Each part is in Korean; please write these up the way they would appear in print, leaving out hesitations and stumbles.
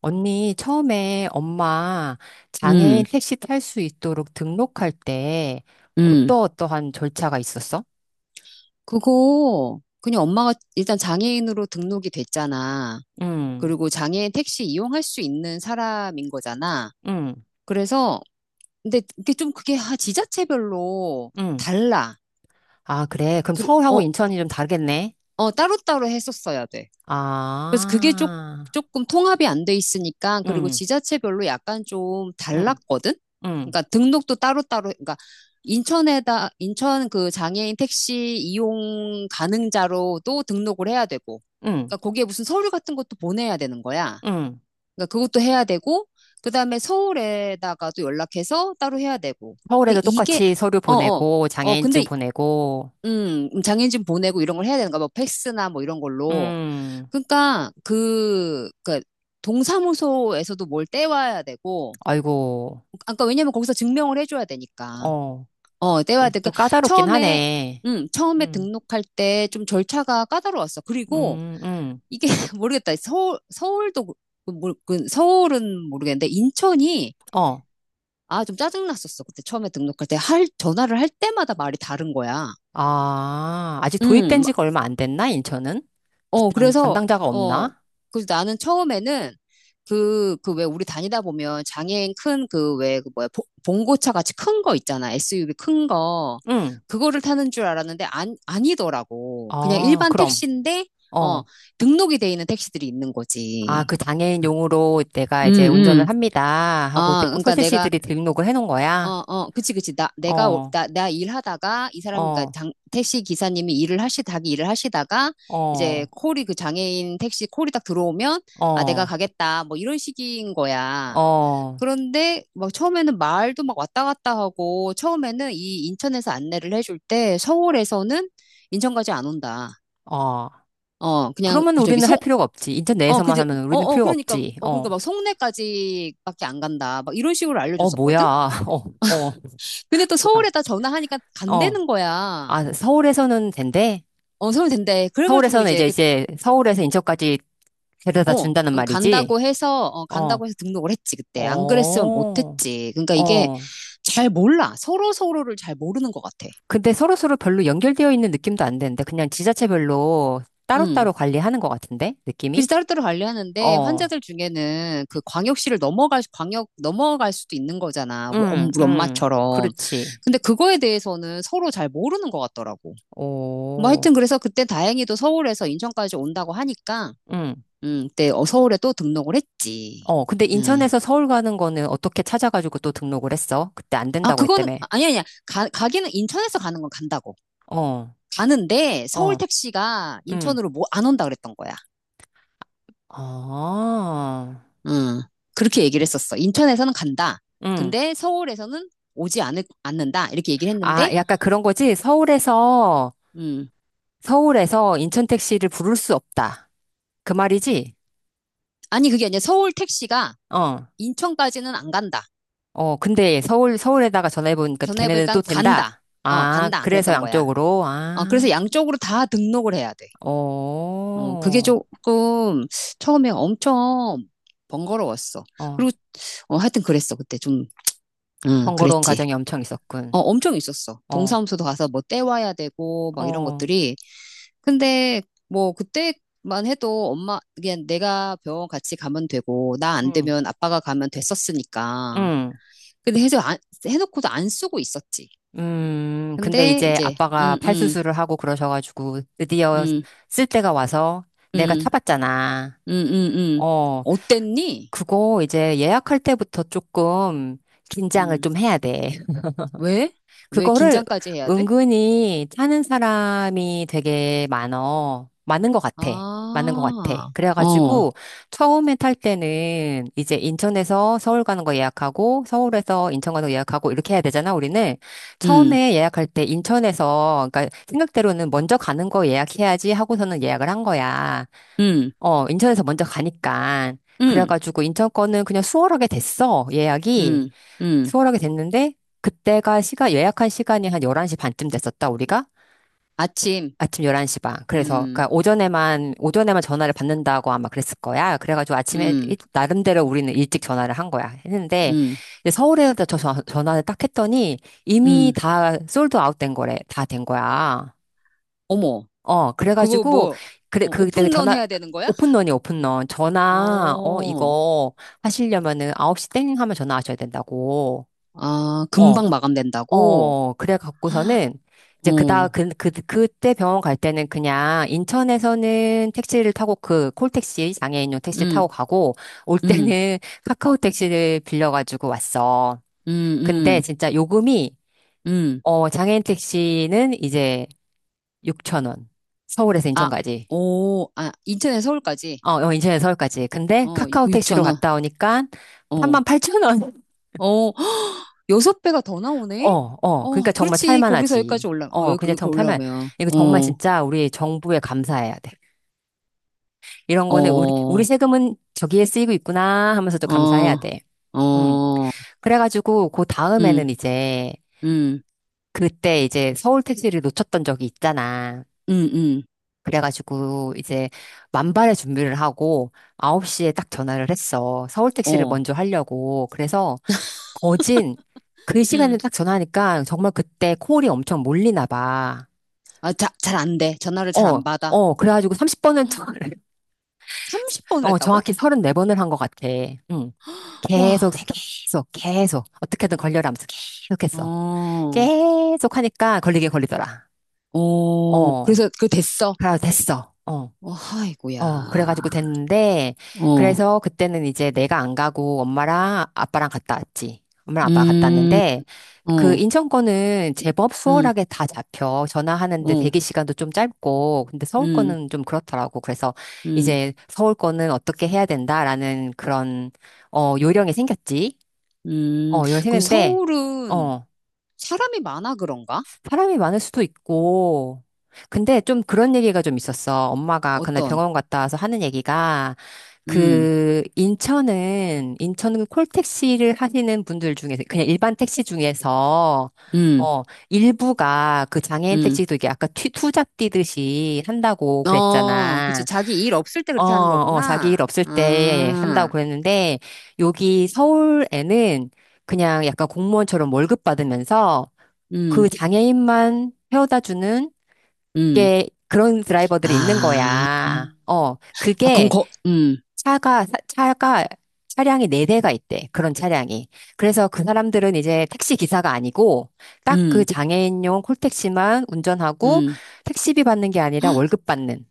언니, 처음에 엄마 장애인 음, 택시 탈 수 있도록 등록할 때 음. 어떠어떠한 절차가 있었어? 그거, 그냥 엄마가 일단 장애인으로 등록이 됐잖아. 응, 그리고 장애인 택시 이용할 수 있는 사람인 거잖아. 응, 그래서, 근데 이게 좀 그게 지자체별로 응. 달라. 아, 그래. 그럼 그, 서울하고 어, 인천이 좀 다르겠네. 따로따로 했었어야 돼. 그래서 아, 조금 통합이 안 돼 있으니까, 그리고 응, 지자체별로 약간 좀 응, 달랐거든? 응, 그러니까 등록도 따로따로, 그러니까 인천 그 장애인 택시 이용 가능자로도 등록을 해야 되고, 응, 그러니까 거기에 무슨 서류 같은 것도 보내야 되는 거야. 응. 그러니까 그것도 해야 되고, 그 다음에 서울에다가도 연락해서 따로 해야 되고. 근데 서울에도 이게, 똑같이 서류 어, 어, 보내고, 어, 장애인증 근데, 보내고, 장애인 증 보내고 이런 걸 해야 되는가, 뭐 팩스나 뭐 이런 걸로. 음, 그러니까 동사무소에서도 뭘 떼와야 되고, 아이고, 아까 왜냐면 거기서 증명을 해줘야 되니까. 어, 어, 떼와야 돼. 좀 그러니까 까다롭긴 처음에, 하네. 처음에 음, 등록할 때 좀 절차가 까다로웠어. 그리고 음, 음, 이게 모르겠다. 서울도 그 서울은 모르겠는데 인천이 어. 아, 좀 짜증났었어. 그때 처음에 등록할 때 전화를 할 때마다 말이 다른 거야. 아, 아직 도입된 음, 지가 얼마 안 됐나, 인천은? 어, 담 그래서, 담당자가 어, 없나? 그래서 나는 처음에는 그 왜 우리 다니다 보면 장애인 큰 그 왜, 그 뭐야, 보- 봉고차 같이 큰 거 있잖아. SUV 큰 거. 응. 그거를 타는 줄 알았는데 안, 아니더라고. 그냥 어, 일반 그럼. 택시인데, 어, 어. 등록이 돼 있는 택시들이 있는 아, 거지. 그 장애인용으로 내가 음, 이제 운전을 음. 합니다 하고 아, 그러니까 내가 설세씨들이 등록을 해놓은 거야? 그치, 그치. 나, 내가, 올- 어, 나, 나 일하다가, 이 사람, 그니까, 어, 장, 택시 기사님이 자기 일을 하시다가, 이제 어, 콜이 그 장애인 택시 콜이 딱 들어오면, 아, 내가 어, 가겠다. 뭐 이런 식인 거야. 어, 그런데, 막 처음에는 말도 막 왔다 갔다 하고, 처음에는 이 인천에서 안내를 해줄 때, 서울에서는 인천까지 안 온다. 어. 어, 그냥, 그러면 그 저기, 우리는 할 송, 필요가 없지. 인천 어, 내에서만 그지, 하면 어, 우리는 어, 필요가 그러니까, 없지. 어, 어, 그러니까 막 송내까지밖에 안 간다. 막 이런 식으로 어, 뭐야. 알려줬었거든. 어, 어, 근데 또 참. 서울에다 전화하니까 어. 간다는 거야. 아, 서울에서는 된대? 어, 서울 된대. 그래가지고 서울에서는 이제 이제, 그, 이제, 서울에서 인천까지 데려다 어, 준다는 응, 말이지? 어, 간다고 해서 등록을 했지, 그때. 안 그랬으면 어, 못했지. 그러니까 이게 어. 잘 몰라. 서로 서로를 잘 모르는 것 같아. 근데 서로서로 별로 연결되어 있는 느낌도 안 되는데, 그냥 지자체별로 음. 따로따로 관리하는 것 같은데, 그래서 느낌이? 따로따로 관리하는데 어, 환자들 중에는 그 광역시를 광역 넘어갈 수도 있는 거잖아. 응, 우리 응, 엄마처럼. 그렇지. 근데 그거에 대해서는 서로 잘 모르는 것 같더라고. 뭐 오, 하여튼 그래서 그때 다행히도 서울에서 인천까지 온다고 하니까 응. 그때 어, 서울에 또 등록을 했지. 어, 근데 음. 인천에서 서울 가는 거는 어떻게 찾아가지고 또 등록을 했어? 그때 안 아, 된다고 그거는, 했다며. 아니, 아니야. 아니야. 가기는 인천에서 가는 건 간다고. 어, 가는데 서울 어, 택시가 응. 인천으로 뭐 안 온다 그랬던 거야. 아, 음. 그렇게 얘기를 했었어. 인천에서는 간다. 응. 근데 서울에서는 않는다. 이렇게 얘기를 아, 했는데, 약간 그런 거지? 서울에서 음. 서울에서 인천 택시를 부를 수 없다, 그 말이지? 아니, 그게 아니라 서울 택시가 어, 인천까지는 안 간다. 어, 근데 서울, 서울에다가 전화해보니까 걔네는 전화해보니까 또 간다. 된다. 어, 아, 간다. 그래서 그랬던 거야. 양쪽으로, 어, 그래서 아, 양쪽으로 다 등록을 해야 돼. 어, 어, 그게 조금 처음에 엄청 번거로웠어. 어, 그리고 어, 하여튼 그랬어. 그때 좀, 응, 번거로운 그랬지. 과정이 엄청 있었군. 어, 엄청 있었어. 어, 동사무소도 가서 뭐 떼와야 되고 막 이런 어, 것들이. 근데 뭐 그때만 해도 엄마, 그냥 내가 병원 같이 가면 되고 나 안 음, 되면 아빠가 가면 됐었으니까. 음, 근데 해서 안, 해놓고도 안 쓰고 있었지. 근데 근데 이제 이제, 아빠가 응, 응, 팔수술을 하고 그러셔가지고 드디어 응, 쓸 때가 와서 내가 응, 타봤잖아. 응, 응, 응. 어, 어땠니? 그거 이제 예약할 때부터 조금 긴장을 음. 좀 해야 돼. 왜? 왜 그거를 긴장까지 해야 돼? 은근히 하는 사람이 되게 많어. 많은 것 같아. 아, 많은 것 같아. 어, 그래가지고 처음에 탈 때는 이제 인천에서 서울 가는 거 예약하고 서울에서 인천 가는 거 예약하고 이렇게 해야 되잖아, 우리는. 음, 처음에 예약할 때 인천에서, 그러니까 생각대로는 먼저 가는 거 예약해야지 하고서는 예약을 한 거야. 음, 어, 인천에서 먼저 가니까. 음, 그래가지고 인천 거는 그냥 수월하게 됐어, 예약이. 음, 음. 수월하게 됐는데 그때가 시간 예약한 시간이 한 11시 반쯤 됐었다, 우리가. 아침, 아침 11시 반, 그래서 그니 음, 까 오전에만 전화를 받는다고 아마 그랬을 거야. 그래가지고 아침에 음, 나름대로 우리는 일찍 전화를 한 거야. 했는데 음, 이제 서울에서 전화를 딱 했더니 이미 음. 다 솔드 아웃 된 거래. 다 된 거야. 어머, 어, 그거 그래가지고, 뭐, 그래 어, 그때 오픈런 전화 해야 되는 거야? 오픈런 전화, 어, 어, 이거 하시려면은 9시 땡 하면 전화하셔야 된다고. 아, 어, 금방 마감된다고? 어, 그래 갖고서는 이제 그다 어, 그, 그 그때 병원 갈 때는 그냥 인천에서는 택시를 타고, 그 콜택시 장애인용 택시 타고 음, 가고 올 음, 때는 카카오 택시를 빌려 가지고 왔어. 음, 근데 음, 진짜 요금이, 음. 어, 장애인 택시는 이제 6천 원. 서울에서 아, 인천까지. 오, 아, 인천에서 서울까지? 어, 어, 인천에서 서울까지. 근데 어, 카카오 육 택시로 천원 갔다 오니까 3만 어 팔천 원. 어, 여섯 배가 더 어, 나오네? 어. 그러니까 어, 정말 그렇지. 거기서 여기까지 탈만하지. 올라, 어, 어, 여기, 그냥 여기 정말 탈만. 올라오면, 이거 정말 어, 진짜 우리 정부에 감사해야 돼. 이런 거는 우리, 어, 우리 세금은 저기에 쓰이고 있구나 하면서도 감사해야 어, 돼. 음. 어, 그래가지고, 그 음, 다음에는 이제, 음, 그때 이제 서울 택시를 놓쳤던 적이 있잖아. 음, 음, 그래가지고, 이제, 만발의 준비를 하고, 9시에 딱 전화를 했어. 서울 택시를 어, 먼저 하려고. 그래서, 거진, 그 시간에 음. 딱 전화하니까, 정말 그때 콜이 엄청 몰리나 봐. 아, 잘 안 돼. 전화를 잘 어, 안 받아. 어, 그래가지고 30번은 30번을 어, 했다고? 정확히 34번을 한 것 같아. 응. 와, 계속, 계속, 계속. 어떻게든 걸려라 하면서 계속 했어. 어, 계속 하니까 걸리게 걸리더라. 어, 어, 그래서 그 됐어. 그래 됐어. 어, 어, 아이고야. 어, 그래가지고 됐는데, 어, 그래서 그때는 이제 내가 안 가고 엄마랑 아빠랑 갔다 왔지. 엄마랑 아빠가 갔다 음, 왔는데, 그 어, 인천 거는 제법 음, 수월하게 다 잡혀. 전화하는데 어, 대기 시간도 좀 짧고, 근데 서울 음, 거는 좀 그렇더라고. 그래서 음, 이제 서울 거는 어떻게 해야 된다라는 그런, 어, 요령이 생겼지. 어, 음. 요령이 그럼 생겼는데, 서울은, 어, 사람이 많아 그런가? 사람이 많을 수도 있고. 근데 좀 그런 얘기가 좀 있었어. 엄마가 그날 어떤? 병원 갔다 와서 하는 얘기가, 음, 그 인천은 인천은 콜택시를 하시는 분들 중에서, 그냥 일반 택시 중에서, 음, 어, 일부가 그 장애인 음. 택시도 이게 아까 투잡 뛰듯이 한다고 어, 그치. 그랬잖아. 자기 일 없을 때 어, 그렇게 하는 어, 자기 거구나. 일 없을 때 한다고 아, 그랬는데, 여기 서울에는 그냥 약간 공무원처럼 월급 받으면서 음, 그 장애인만 태워다 주는 음. 게, 그런 드라이버들이 있는 아, 거야. 어, 아, 그럼 그게 거, 음, 차가, 차가, 차량이 네대가 있대. 그런 차량이. 그래서 그 사람들은 이제 택시 기사가 아니고 딱 그 음, 장애인용 콜택시만 운전하고 음. 택시비 받는 게 아니라 월급 받는.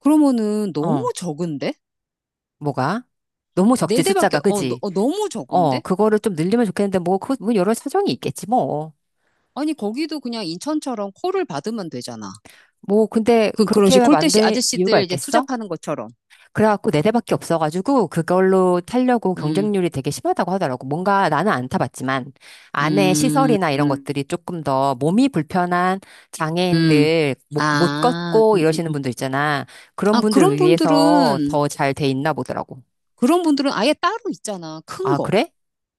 그러면은 너무 어, 적은데? 뭐가? 너무 적지, 네 대밖에, 숫자가. 어, 너, 그지? 무 어, 적은데? 그거를 좀 늘리면 좋겠는데 뭐, 그, 뭐 여러 사정이 있겠지, 뭐. 아니, 거기도 그냥 인천처럼 콜을 받으면 되잖아. 뭐, 근데 그런 식 그렇게 콜대시 만든 이유가 아저씨들 이제 있겠어? 투잡하는 것처럼. 그래갖고 네 대밖에 없어가지고 그걸로 타려고 음, 경쟁률이 되게 심하다고 하더라고. 뭔가 나는 안 타봤지만 안에 음, 시설이나 이런 음, 것들이 조금 더 몸이 불편한 음. 장애인들 못, 못 아, 걷고 이러시는 분들 있잖아. 그런 아, 분들을 위해서 더 잘 돼 있나 보더라고. 그런 분들은 아예 따로 있잖아. 큰 아, 거. 그래?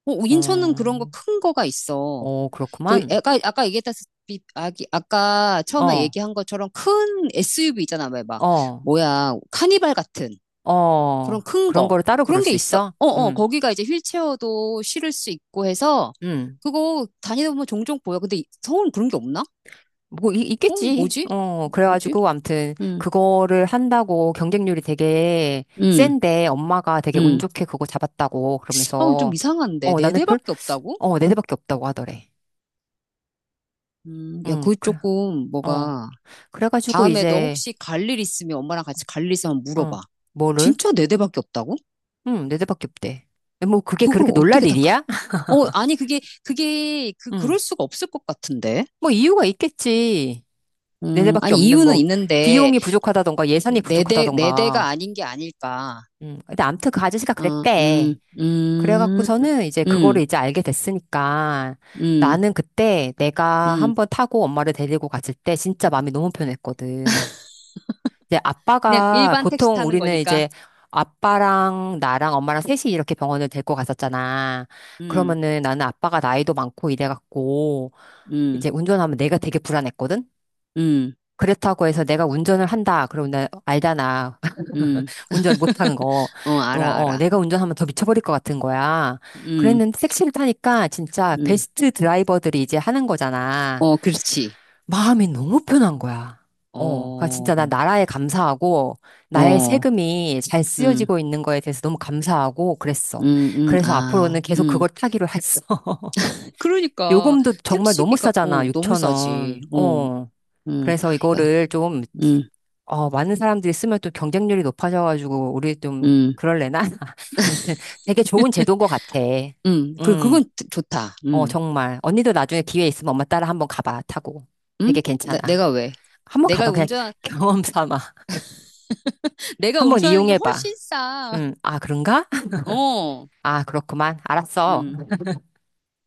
어, 인천은 그런 거 어, 큰 거가 있어. 어, 그 그렇구만. 애가, 아까 얘기했다시피, 아기, 아까 처음에 어, 얘기한 것처럼 큰 SUV 있잖아. 왜 막, 어, 뭐야, 카니발 같은 어. 그런 큰 그런 거. 거를 따로 부를 그런 게 수 있어. 있어? 어, 어, 응, 거기가 이제 휠체어도 실을 수 있고 해서 응. 그거 다니다 보면 종종 보여. 근데 이- 서울은 그런 게 없나? 뭐 이- 어, 있겠지. 뭐지? 어, 어, 뭐지? 그래가지고 암튼 응, 그거를 한다고 경쟁률이 되게 응, 센데, 엄마가 되게 운 응. 좋게 그거 잡았다고 어, 좀 그러면서. 이상한데. 어, 네 나는 별, 대밖에 없다고? 어, 네 대밖에 없다고 하더래. 야, 응, 그 그래. 조금 어, 뭐가 그래가지고 다음에 너 이제. 혹시 갈 일 있으면 엄마랑 같이 갈 일 있으면 어, 물어봐. 뭐를? 진짜 네 대밖에 없다고? 응, 네 대밖에 없대. 네, 뭐 그게 그걸 그렇게 놀랄 어떻게 다 가? 일이야? 어, 아니 그게 그게 그 응. 그럴 수가 없을 것 같은데. 뭐 이유가 있겠지. 네 대밖에 아니 없는, 이유는 뭐 있는데 비용이 부족하다던가 예산이 네 대가 부족하다던가. 아닌 게 아닐까. 응. 근데 암튼 그 아저씨가 어, 그랬대. 그래갖고서는 이제 음, 그거를 이제 알게 됐으니까, 음, 나는 그때 내가 음. 한번 타고 엄마를 데리고 갔을 때 진짜 마음이 너무 편했거든. 이제 그냥 아빠가 일반 택시 보통 타는 우리는 거니까. 이제, 아빠랑 나랑 엄마랑 셋이 이렇게 병원을 데리고 갔었잖아. 음, 그러면은 나는 아빠가 나이도 많고 이래갖고 이제 음, 운전하면 내가 되게 불안했거든? 음, 그렇다고 해서 내가 운전을 한다, 그러면 나 알잖아. 음. 운전 못한 거. 어, 어, 알아, 어, 알아. 내가 운전하면 더 미쳐버릴 것 같은 거야. 음, 그랬는데 택시를 타니까 진짜 음. 베스트 드라이버들이 이제 하는 거잖아. 어, 그렇지. 마음이 너무 편한 거야. 어, 그러니까 어, 진짜 나 나라에 감사하고 나의 어, 세금이 잘 음, 쓰여지고 있는 거에 대해서 너무 감사하고 그랬어. 그래서 아, 앞으로는 계속 그걸 타기로 했어. 그러니까 요금도 정말 너무 택시비가 싸잖아, 어 너무 6천 싸지. 원. 어, 어. 음, 그래서 야, 이거를 좀, 음, 어, 많은 사람들이 쓰면 또 경쟁률이 높아져가지고, 우리 좀, 음, 그럴래나? 아무튼 되게 좋은 제도인 것 같아. 그래 음, 그건 좋다. 어, 정말. 언니도 나중에 기회 있으면 엄마 따라 한번 가봐, 타고. 되게 괜찮아. 내가 왜? 한번 내가 가봐, 그냥 운전 경험 삼아. 내가 한번 운전하는 게 이용해봐. 훨씬 싸. 아, 그런가? 어, 아, 그렇구만. 알았어. 음.